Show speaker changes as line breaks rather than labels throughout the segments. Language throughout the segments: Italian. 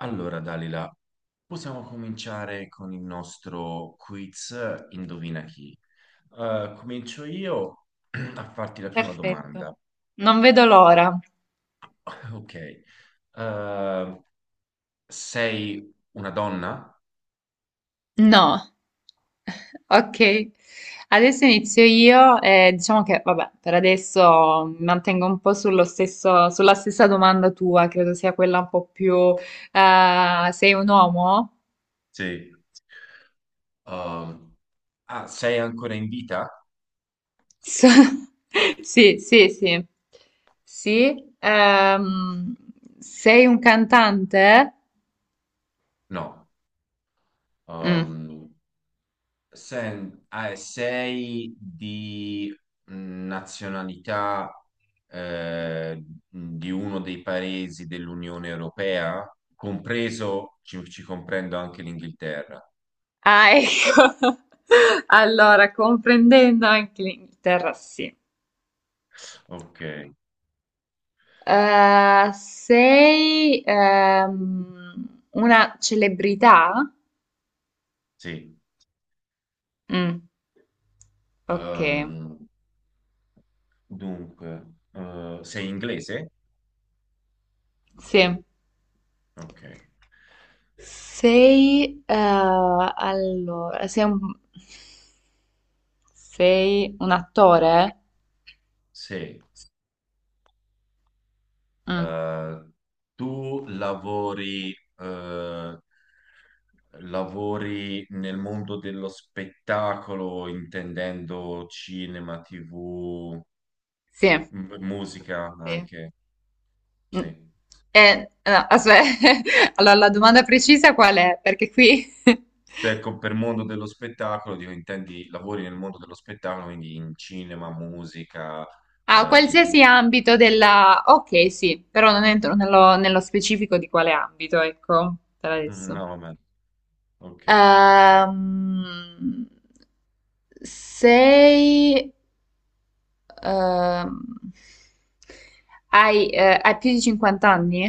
Allora, Dalila, possiamo cominciare con il nostro quiz Indovina chi. Comincio io a farti la prima
Perfetto,
domanda.
non vedo l'ora.
Ok. Eh, sei una donna?
No. Ok, adesso inizio io e diciamo che, vabbè, per adesso mi mantengo un po' sullo stesso, sulla stessa domanda tua, credo sia quella un po' più... sei un uomo?
Sì. Um, Sei ancora in vita?
So- Sì, sì, sì. Sì, sei un cantante?
No.
Mm.
Um, Sei di nazionalità eh, di uno dei paesi dell'Unione Europea, compreso, ci comprendo anche l'Inghilterra.
Ah, ecco. Allora, comprendendo anche l'Inghilterra, sì.
Ok,
Sei una celebrità?
sì.
Mm, ok,
Ehm, Dunque, sei inglese?
sì.
Ok,
Allora, sei un attore?
sì.
Mm,
Eh, Tu lavori, lavori nel mondo dello spettacolo, intendendo cinema, TV,
sì,
musica
sì.
anche,
Mm.
sì.
No, aspetta. Allora la domanda precisa qual è? Perché qui...
Cioè, ecco, per mondo dello spettacolo, dico, intendi, lavori nel mondo dello spettacolo, quindi in cinema, musica,
A
TV.
qualsiasi ambito della... Ok, sì, però non entro nello specifico di quale ambito, ecco, per
Mm,
adesso.
no, vabbè, ok.
Ehm, sei... ehm, hai più di 50 anni?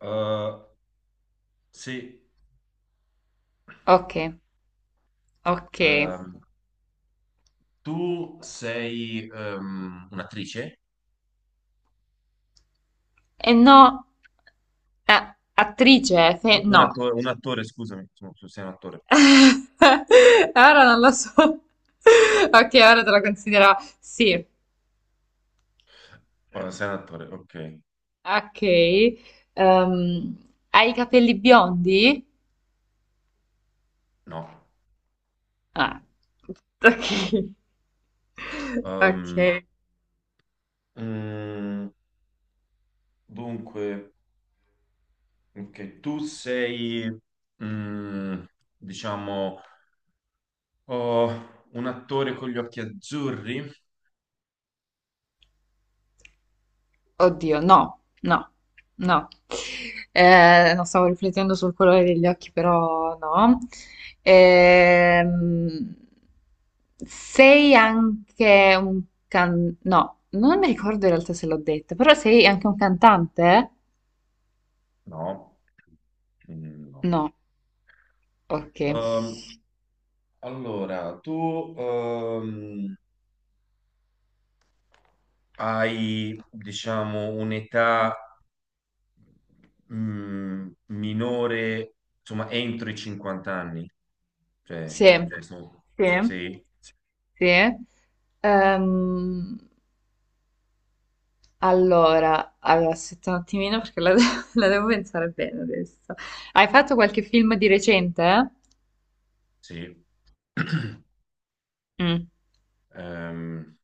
Eh, sì,
Ok, ok.
ehm, tu sei un'attrice?
E no, ah, attrice, no.
Un attore, scusami, insomma, tu sei un attore.
Ora non lo so. Ok, ora te la considero. Sì.
Ora, sei un attore, ok.
Ok, ehm, hai i capelli biondi?
No, no.
Ah, ok. Ok.
Ehm, mm, Dunque, ok, tu sei, mm, diciamo, oh, un attore con gli occhi azzurri?
Oddio, no, no, no. Non stavo riflettendo sul colore degli occhi, però no. Ehm, sei anche un can... No, non mi ricordo in realtà se l'ho detta, però sei anche un cantante?
No. Mm, no.
No, ok.
Ehm, allora, tu hai, diciamo, un'età minore, insomma, entro i 50 anni, cioè
Sì,
in questo
sì.
sì,
Sì. Ehm, allora, aspetta un attimino perché la devo pensare bene adesso. Hai fatto qualche film di recente?
sì.
Mm.
Ehm,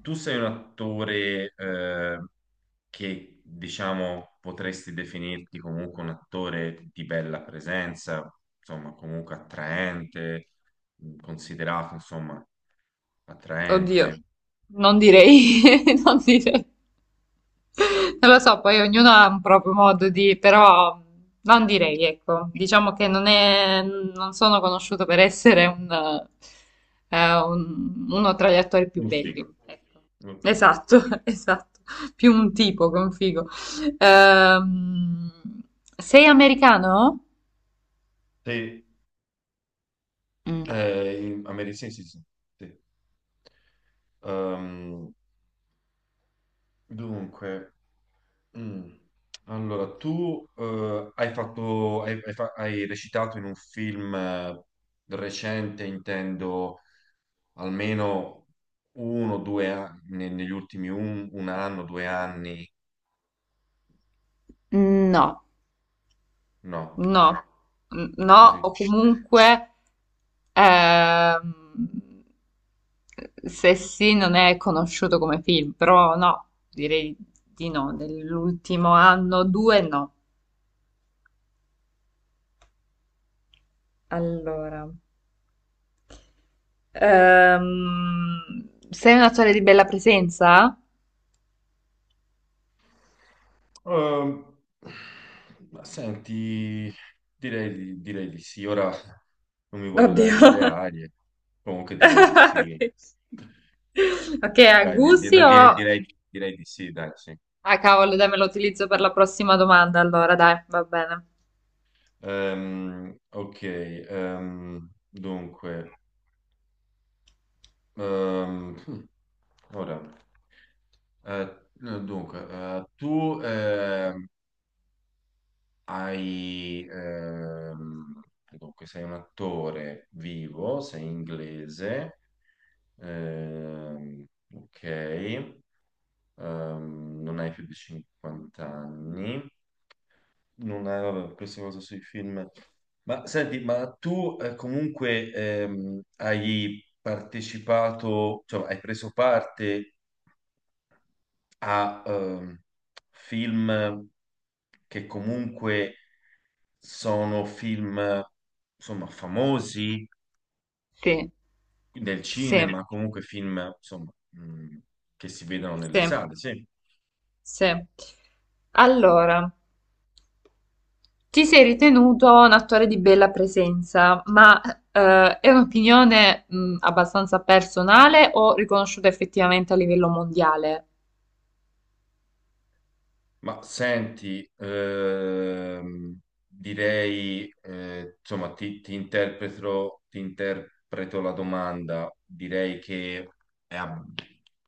Tu sei un attore che diciamo potresti definirti comunque un attore di bella presenza, insomma, comunque attraente, considerato, insomma,
Oddio.
attraente.
Non direi, non direi. Non lo so, poi ognuno ha un proprio modo di, però non direi, ecco, diciamo che non è, non sono conosciuto per essere uno tra gli attori più
Un
belli.
figo.
Ecco.
Ok.
Esatto, esatto, più un tipo che un figo. Ehm, Sei americano?
Sì,
Mm.
a Medicine, sì, sì. Sì. Ehm, Dunque, mm, allora tu hai fatto, hai recitato in un film recente, intendo almeno uno o due anni, negli ultimi un anno, due anni,
No,
no.
no, no,
Sì, sì.
o comunque ehm, se sì non è conosciuto come film, però no, direi di no, nell'ultimo anno, due no. Allora, sei un attore di bella presenza?
Ehm, ma senti, direi, direi di sì. Ora non mi voglio dare delle
Oddio.
arie, comunque direi di sì.
Ok, ok, a
Dai,
gusti
no,
o...
direi di sì, dai, sì.
Ah, cavolo, dai, me lo utilizzo per la prossima domanda, allora, dai, va bene.
Ok, dunque, hmm, ora, no, dunque, Tu hai, ehm, sei un attore vivo, sei inglese, ehm, ok, non hai più di 50 anni. Non è, vabbè, questa cosa sui film. Ma senti, ma tu comunque hai partecipato, cioè hai preso parte a film che comunque sono film, insomma, famosi
Sì,
nel
sì,
cinema, comunque film, insomma, che si vedono nelle
sì.
sale, sì.
Sì. Allora, ti sei ritenuto un attore di bella presenza, ma è un'opinione abbastanza personale o riconosciuta effettivamente a livello mondiale?
Ma senti, direi, insomma, ti interpreto la domanda. Direi che è ab-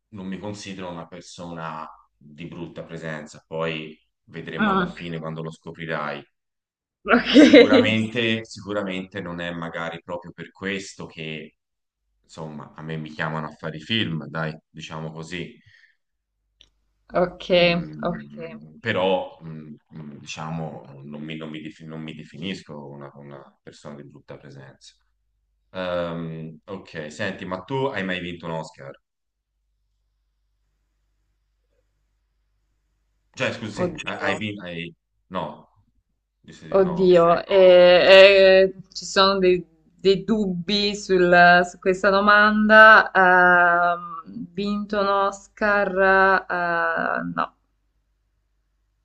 non mi considero una persona di brutta presenza, poi vedremo alla
Ah,
fine quando lo scoprirai.
ok.
Sicuramente, sicuramente non è magari proprio per questo che, insomma, a me mi chiamano a fare i film, dai, diciamo così.
Ok, ok.
Mm, però, mm, mm, diciamo, non mi non mi definisco una persona di brutta presenza. Ok, senti, ma tu hai mai vinto un Oscar? Cioè, scusi, sì,
Oddio,
hai vinto... No, di sì, di no,
oddio. Ci sono dei dubbi su questa domanda. Vinto un Oscar? No,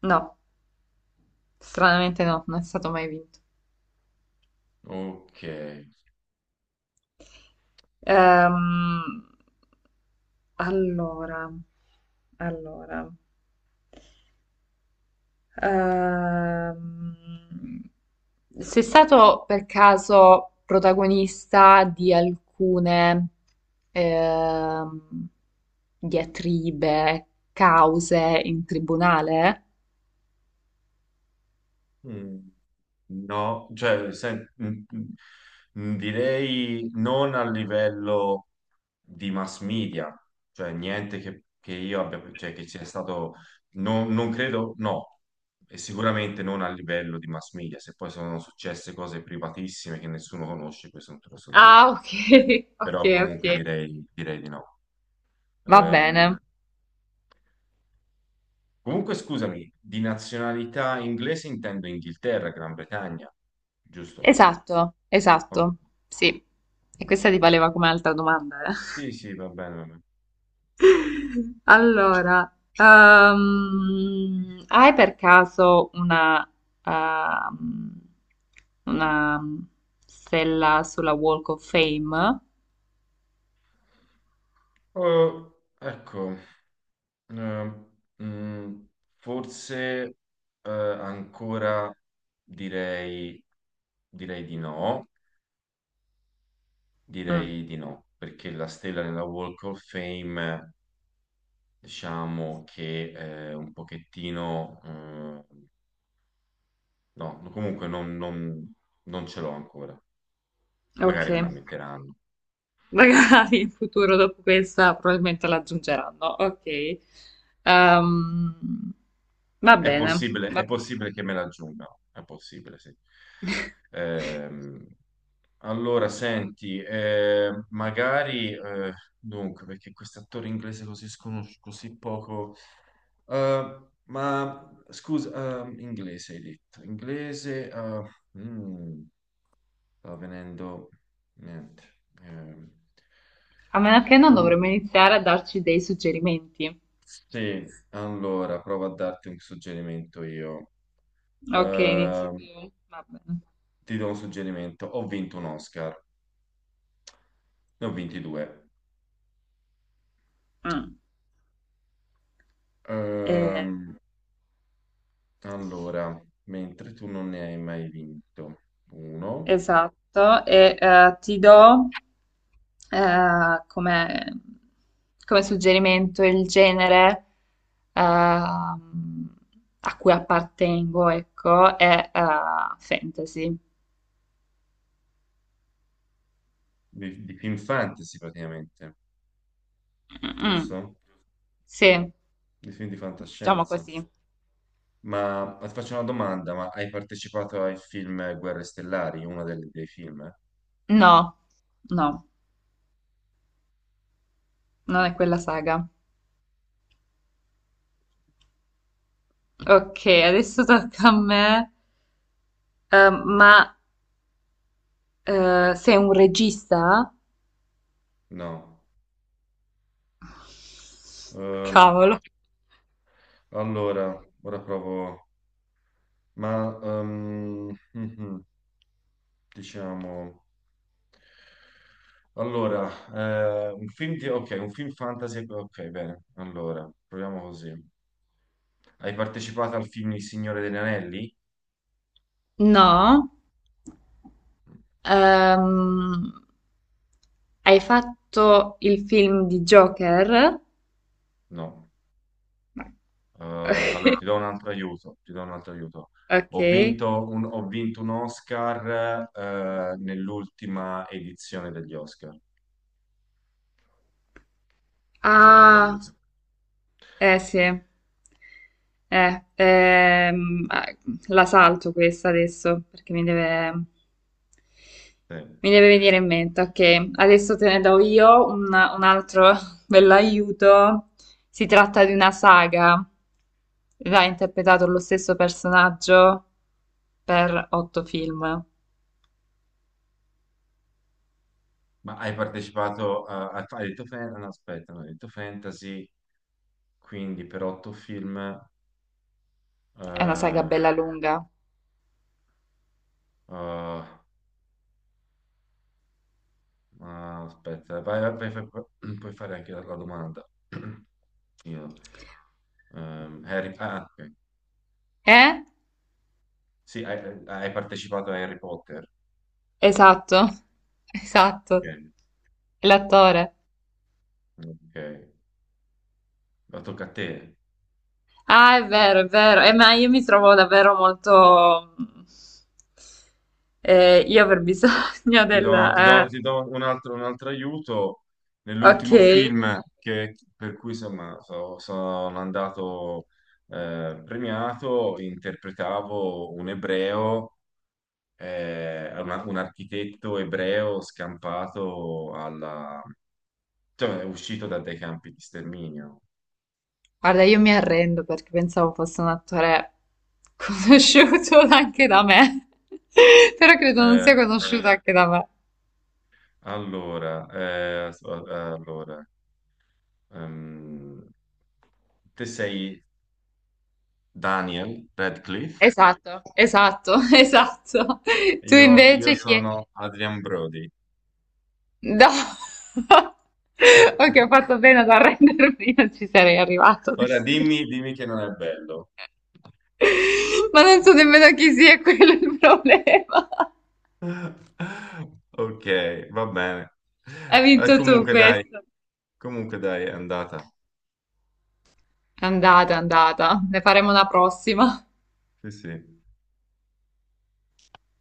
no. Stranamente no, non è stato mai vinto.
ok.
Ehm, allora, allora, ehm, sei stato per caso protagonista di alcune ehm, diatribe, cause in tribunale?
Mm, no, direi non a livello... di mass media, cioè niente che, che io abbia, cioè che sia stato, non credo, no, e sicuramente non a livello di mass media, se poi sono successe cose privatissime che nessuno conosce, questo non te lo so dire,
Ah, ok, ok,
però comunque
ok.
direi di no.
Va
Ehm,
bene.
Comunque scusami, di nazionalità inglese intendo Inghilterra, Gran Bretagna, giusto?
Esatto,
Oh,
esatto. Sì. E questa ti valeva come altra domanda, eh?
sì, sì, va bene, va bene.
Allora, hai per caso ehm, una stella sulla Walk of Fame?
Oh, ecco. Ehm, mm, Forse ancora direi, direi di no,
Mm,
direi di no, perché la stella nella Walk of Fame, diciamo che è un pochettino, no, comunque non ce l'ho ancora,
ok.
magari me la metteranno.
Magari in futuro dopo questa probabilmente l'aggiungeranno. Ok. Ehm, Va bene.
È possibile che me la aggiungano, è possibile, sì. Ehm, Allora, senti, perché quest'attore inglese così sconosciuto, così poco, ma scusa, inglese hai detto, inglese, mm, sta venendo, niente, eh,
A meno che non
um,
dovremmo iniziare a darci dei suggerimenti.
sì, allora, provo a darti un suggerimento io.
Ok, inizi
Eh,
tu. Va bene.
Ti do un suggerimento, ho vinto un Oscar, ne ho vinti due.
Mm. Eh,
Ehm, Allora, mentre tu non ne hai mai vinto uno,
Esatto. E ti do, eh, come, come suggerimento il genere ehm, a cui appartengo, ecco, è fantasy.
di film fantasy praticamente,
Mm,
giusto?
sì,
Di film di
diciamo
fantascienza.
così.
Ma ti faccio una domanda, ma hai partecipato ai film Guerre Stellari, dei film, eh?
No, no, non è quella saga. Ok, adesso tocca a me. Ma sei un regista?
No. Ehm,
Cavolo.
allora, ora provo... Ma, ehm, mhm, diciamo... Allora, un film fantasy... Ok, bene. Allora, proviamo così. Hai partecipato al film Il Signore degli Anelli?
No. Ehm, Hai fatto il film di Joker?
No. Allora
No.
ti do un altro aiuto, ti do un altro aiuto.
Ok.
Ho vinto un Oscar nell'ultima edizione degli Oscar. Questo è un bel
Ah.
aiuto.
Eh sì, ehm, eh, la salto questa adesso perché mi deve,
Sì.
mi deve venire in mente. Ok, adesso te ne do io un altro bell'aiuto. Si tratta di una saga. L'ha interpretato lo stesso personaggio per otto film.
Ma hai partecipato a, hai detto fantasy, no, aspetta, no, hai detto fantasy, quindi per otto film,
È una saga
eh,
bella lunga.
ah, aspetta, vai, vai, vai, vai, puoi fare anche la domanda. Io. Ok.
Eh?
Sì, hai partecipato a Harry Potter.
Esatto, esatto.
Ok.
L'attore.
Ok. Ma tocca a te.
Ah, è vero, è vero. Ma io mi trovo davvero molto... io aver bisogno della...
Ti do un altro aiuto.
ok.
Nell'ultimo film per cui insomma, sono andato premiato, interpretavo un ebreo, un architetto ebreo scampato alla... cioè, è uscito da dei campi di sterminio.
Guarda, io mi arrendo perché pensavo fosse un attore conosciuto anche da me. Però credo non
Eh,
sia conosciuto anche da me.
Allora, eh, s- eh, allora, ehm, Te sei Daniel Radcliffe,
Esatto, esatto, esatto. Tu
io
invece chi è?
sono Adrian Brody.
No. Ok, ho fatto bene ad arrendermi, non ci sarei arrivato,
Ora dimmi,
onestamente.
dimmi che non è bello.
Ma non so nemmeno chi sia, quello è il problema.
Ok, va bene.
Hai
Eh,
vinto tu
comunque dai,
questo.
Comunque dai, è andata.
È andata, è andata. Ne faremo una prossima.
Sì, sì.